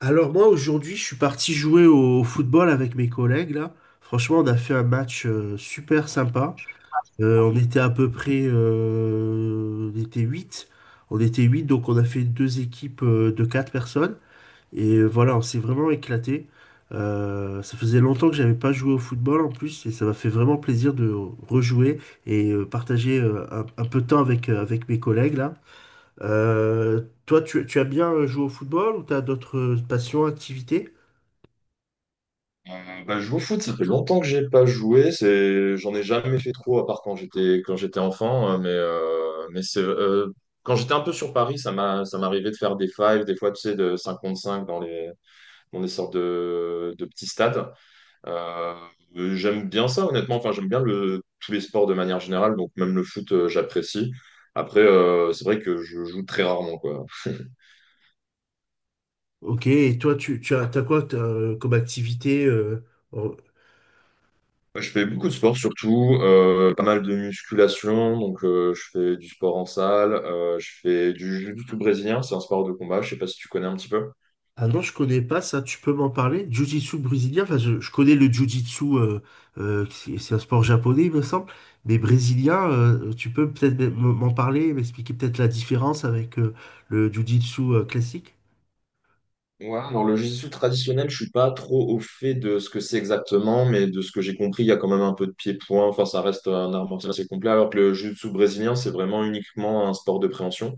Alors moi aujourd'hui je suis parti jouer au football avec mes collègues là. Franchement on a fait un match super sympa. On était à peu près on était 8. On était 8 donc on a fait deux équipes de quatre personnes. Et voilà on s'est vraiment éclaté. Ça faisait longtemps que j'avais pas joué au football en plus et ça m'a fait vraiment plaisir de rejouer et partager un peu de temps avec, avec mes collègues là. Toi, tu aimes bien jouer au football ou t'as d'autres passions, activités? Je joue au foot, ça fait longtemps que j'ai pas joué. J'en ai jamais fait trop, à part quand j'étais enfant, hein, mais c'est quand j'étais un peu sur Paris, ça m'arrivait de faire des fives, des fois tu sais, de 5 contre 5 dans les dans des sortes de petits stades. Euh, J'aime bien ça, honnêtement. Enfin, j'aime bien le tous les sports de manière générale, donc même le foot, j'apprécie. Après, c'est vrai que je joue très rarement, quoi. Ok, et toi, tu as, t'as quoi comme activité en- Je fais beaucoup de sport, surtout pas mal de musculation, donc je fais du sport en salle. Je fais du jiu-jitsu brésilien, c'est un sport de combat, je sais pas si tu connais un petit peu. Ah non, je connais pas ça, tu peux m'en parler? Jiu-jitsu brésilien, enfin, je connais le jiu-jitsu, c'est un sport japonais, il me semble, mais brésilien, tu peux peut-être m'en parler, m'expliquer peut-être la différence avec le jiu-jitsu classique? Ouais, alors le jiu-jitsu traditionnel, je suis pas trop au fait de ce que c'est exactement, mais de ce que j'ai compris, il y a quand même un peu de pied-point, enfin ça reste un art martial assez complet, alors que le jiu-jitsu brésilien, c'est vraiment uniquement un sport de préhension.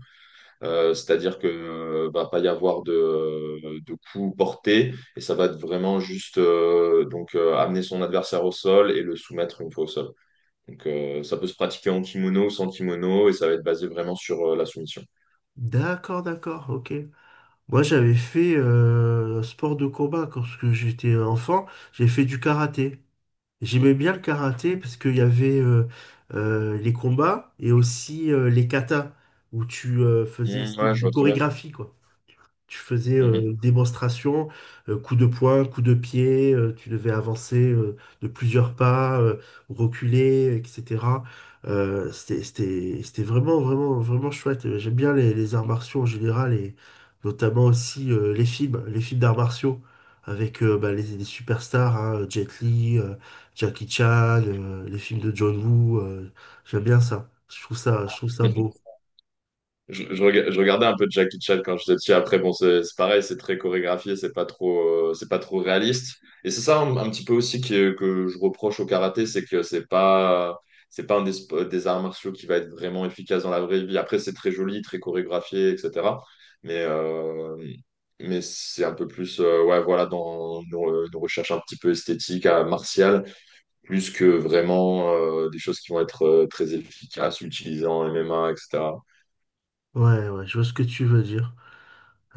C'est-à-dire que va pas y avoir de coup porté et ça va être vraiment juste donc amener son adversaire au sol et le soumettre une fois au sol. Donc ça peut se pratiquer en kimono ou sans kimono et ça va être basé vraiment sur la soumission. D'accord, d'accord, ok. Moi, j'avais fait un sport de combat quand parce que j'étais enfant. J'ai fait du karaté. J'aimais bien le karaté parce qu'il y avait les combats et aussi les katas où tu faisais Mm, ouais, je des vois très bien. chorégraphies, quoi. Tu faisais une démonstration, coup de poing, coup de pied, tu devais avancer de plusieurs pas, reculer, etc. C'était vraiment, vraiment, vraiment chouette. J'aime bien les arts martiaux en général et notamment aussi les films d'arts martiaux avec bah, les superstars, hein, Jet Li, Jackie Chan, les films de John Woo. J'aime bien ça. Je trouve ça Mhm. beau. Je regardais un peu de Jackie Chan quand j'étais petit. Après, bon, c'est pareil, c'est très chorégraphié, c'est pas trop réaliste. Et c'est ça un petit peu aussi que je reproche au karaté, c'est que c'est pas un des arts martiaux qui va être vraiment efficace dans la vraie vie. Après, c'est très joli, très chorégraphié, etc. Mais, euh, mais c'est un peu plus, ouais, voilà, dans nos une recherche un petit peu esthétique, à martiale, plus que vraiment des choses qui vont être très efficaces, utilisées en MMA, etc. Ouais, ouais, je vois ce que tu veux dire.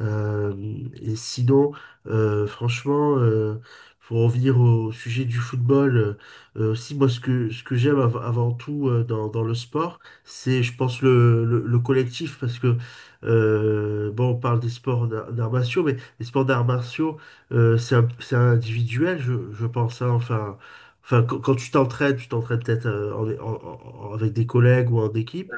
Euh, et sinon, franchement, pour en venir au sujet du football, aussi, moi, ce que j'aime avant tout dans, dans le sport, c'est, je pense, le collectif, parce que, bon, on parle des sports d'arts martiaux, mais les sports d'arts martiaux, c'est individuel, je pense, hein, enfin, enfin, quand tu t'entraînes peut-être avec des collègues ou en équipe.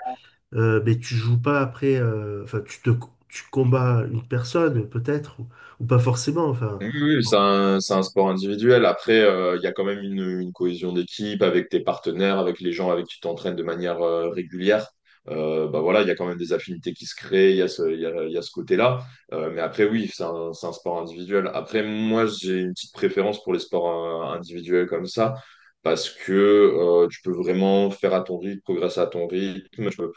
Mais tu joues pas après, enfin, tu combats une personne, peut-être, ou pas forcément, enfin. Oui, oui, oui, c'est un sport individuel. Après, il y a quand même une cohésion d'équipe avec tes partenaires, avec les gens avec qui tu t'entraînes de manière régulière. Bah voilà, il y a quand même des affinités qui se créent, il y a il y a ce côté-là. Mais après, oui, c'est un sport individuel. Après, moi, j'ai une petite préférence pour les sports individuels comme ça, parce que tu peux vraiment faire à ton rythme, progresser à ton rythme. Tu peux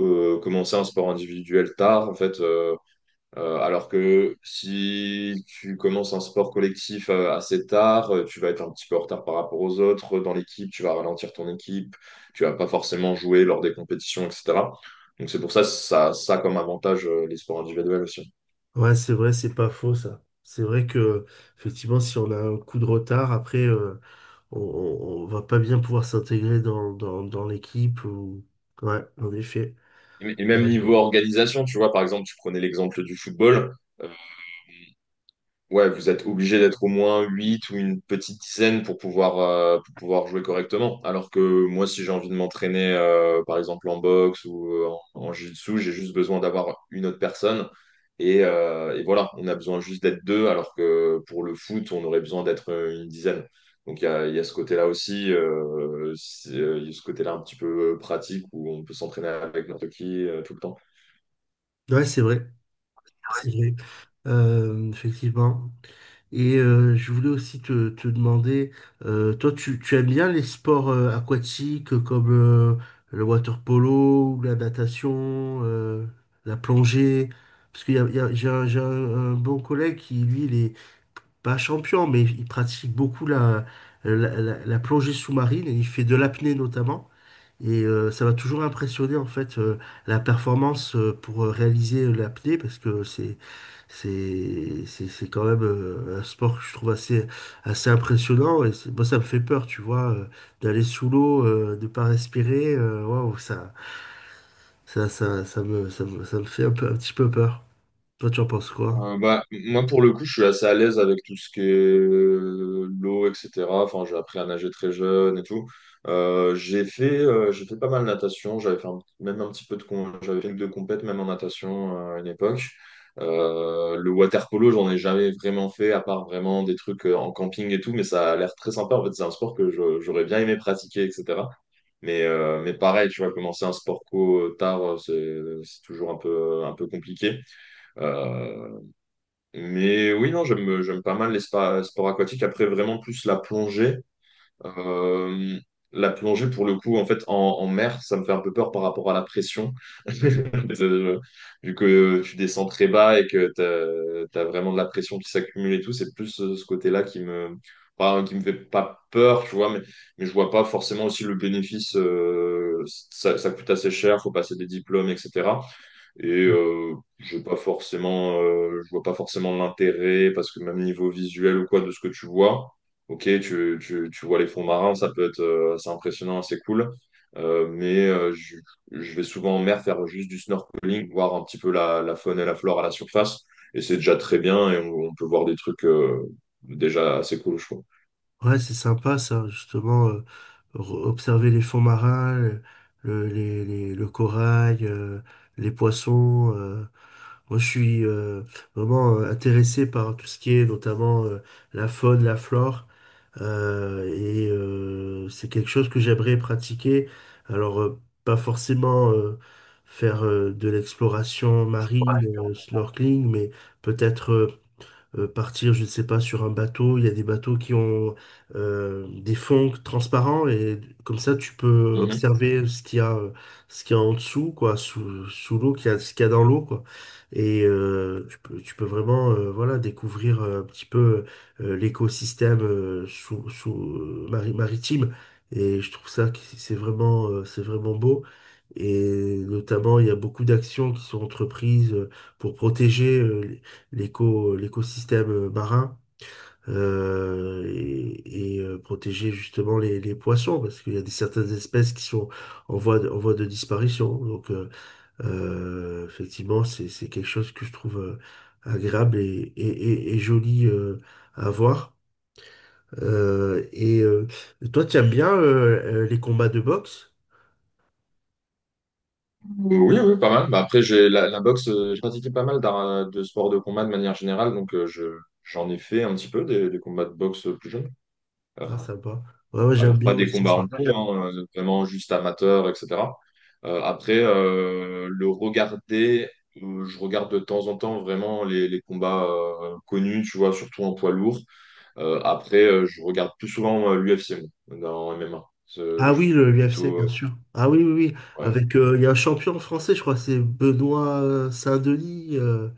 commencer un sport individuel tard, en fait. Alors que si tu commences un sport collectif assez tard, tu vas être un petit peu en retard par rapport aux autres dans l'équipe, tu vas ralentir ton équipe, tu vas pas forcément jouer lors des compétitions, etc. Donc c'est pour ça, ça comme avantage, les sports individuels aussi. Ouais, c'est vrai, c'est pas faux, ça. C'est vrai que, effectivement, si on a un coup de retard, après, on va pas bien pouvoir s'intégrer dans, dans, dans l'équipe, ou... Ouais, en effet. Et même Euh, niveau organisation, tu vois, par exemple, tu prenais l'exemple du football. euh, Ouais, vous êtes obligé d'être au moins 8 ou une petite dizaine pour pouvoir jouer correctement. Alors que moi, si j'ai envie de m'entraîner, par exemple en boxe ou en jiu-jitsu, j'ai juste besoin d'avoir une autre personne. Et voilà, on a besoin juste d'être deux, alors que pour le foot, on aurait besoin d'être une dizaine. Donc il y a ce côté-là aussi, il y a ce côté-là un petit peu pratique où on peut s'entraîner avec n'importe qui tout le temps. ouais, c'est vrai. C'est vrai. Effectivement. Et je voulais aussi te demander, toi, tu aimes bien les sports aquatiques comme le water polo, ou la natation, la plongée? Parce qu'il y a, un bon collègue qui, lui, il est pas champion, mais il pratique beaucoup la plongée sous-marine et il fait de l'apnée notamment. Et ça va toujours impressionner en fait la performance pour réaliser l'apnée parce que c'est quand même un sport que je trouve assez impressionnant et c'est- moi ça me fait peur tu vois d'aller sous l'eau de pas respirer waouh ça me ça me ça me fait un petit peu peur. Toi tu en penses quoi? Moi, pour le coup, je suis assez à l'aise avec tout ce qui est l'eau, etc. Enfin, j'ai appris à nager très jeune et tout. J'ai fait pas mal de natation. Même un petit peu j'avais fait une de compète, même en natation à une époque. Le water polo, j'en ai jamais vraiment fait, à part vraiment des trucs en camping et tout. Mais ça a l'air très sympa. En fait, c'est un sport j'aurais bien aimé pratiquer, etc. Mais pareil, tu vois, commencer un sport co tard, c'est toujours un peu compliqué. Euh, mais oui, non, j'aime pas mal les sports aquatiques. Après, vraiment plus la plongée. Euh, la plongée, pour le coup, en fait, en mer, ça me fait un peu peur par rapport à la pression. Euh, Vu que tu descends très bas et que vraiment de la pression qui s'accumule et tout, c'est plus ce côté-là qui me, enfin, qui me fait pas peur, tu vois, mais je vois pas forcément aussi le bénéfice. Ça, ça coûte assez cher, faut passer des diplômes, etc. Et je pas forcément, je vois pas forcément l'intérêt parce que même niveau visuel ou quoi de ce que tu vois, ok, tu vois les fonds marins, ça peut être assez impressionnant, assez cool. Euh, mais euh, je, je vais souvent en mer faire juste du snorkeling, voir un petit peu la faune et la flore à la surface. Et c'est déjà très bien et on peut voir des trucs déjà assez cool, je trouve. Ouais c'est sympa ça justement observer les fonds marins le corail les poissons moi, je suis vraiment intéressé par tout ce qui est notamment la faune, la flore, c'est quelque chose que j'aimerais pratiquer. Alors, pas forcément faire de l'exploration marine, snorkeling, mais peut-être partir, je ne sais pas, sur un bateau. Il y a des bateaux qui ont des fonds transparents et comme ça, tu peux observer ce qu'il y a, ce qu'il y a en dessous, quoi, sous l'eau, ce qu'il y a dans l'eau, quoi. Et tu peux vraiment, voilà, découvrir un petit peu l'écosystème maritime. Et je trouve ça que c'est vraiment beau. Et notamment, il y a beaucoup d'actions qui sont entreprises pour protéger. L'écosystème marin et protéger justement les poissons parce qu'il y a certaines espèces qui sont en voie de disparition. Donc effectivement, c'est quelque chose que je trouve agréable et joli à voir. Euh, et euh, toi, tu aimes bien les combats de boxe? Ah oui, oui, pas mal. Bah, après, j'ai la boxe, j'ai pratiqué pas mal de sports de combat de manière générale, donc j'en ai fait un petit peu des combats de boxe plus jeunes. Euh, Ah, sympa. Ouais, ouais, j'aime alors, bien pas des aussi combats ça. en pro, hein, vraiment juste amateurs, etc. Le regarder, je regarde de temps en temps vraiment les combats connus, tu vois, surtout en poids lourd. Je regarde plus souvent l'UFC dans MMA. Ah Je oui, suis le UFC, plutôt. bien sûr. Ah oui, oui, oui. Ouais, Avec, il y a un champion français, je crois, c'est Benoît Saint-Denis.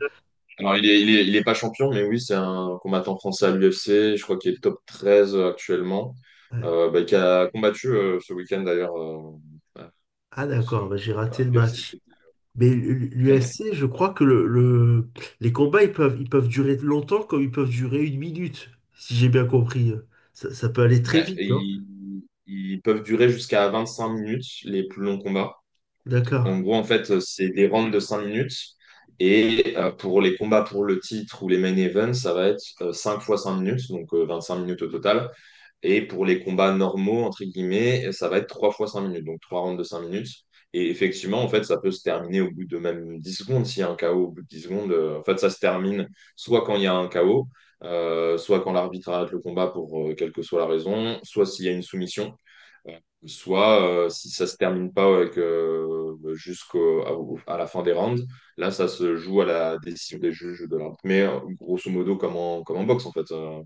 alors, il est pas champion, mais oui, c'est un combattant français à l'UFC. Je crois qu'il est top 13 actuellement. Ouais. Qui a combattu ce week-end d'ailleurs, à Ah ce- d'accord, bah, j'ai à raté le l'UFC. match. Mais l'UFC, je crois que les combats, ils peuvent durer longtemps comme ils peuvent durer une minute, si j'ai bien compris. Ça peut aller très Ouais, vite, non? Ils peuvent durer jusqu'à 25 minutes, les plus longs combats. En D'accord. gros, en fait, c'est des rounds de 5 minutes. Et pour les combats pour le titre ou les main events, ça va être 5 fois 5 minutes, donc 25 minutes au total. Et pour les combats normaux, entre guillemets, ça va être 3 fois 5 minutes, donc 3 rounds de 5 minutes. Et effectivement, en fait, ça peut se terminer au bout de même 10 secondes. S'il y a un KO au bout de 10 secondes, en fait, ça se termine soit quand il y a un KO, soit quand l'arbitre arrête le combat pour quelle que soit la raison, soit s'il y a une soumission. Euh, Soit si ça se termine pas avec à la fin des rounds, là ça se joue à la décision des juges de l'arbitre. Mais grosso modo comme comme en boxe en fait,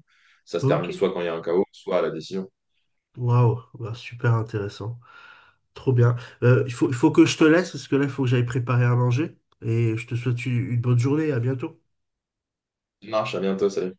ça se Ok. termine soit quand il y a un KO, soit à la décision. Waouh, bah, super intéressant. Trop bien. Il faut que je te laisse parce que là, il faut que j'aille préparer à manger. Et je te souhaite une bonne journée. À bientôt. Ça marche, à bientôt, salut.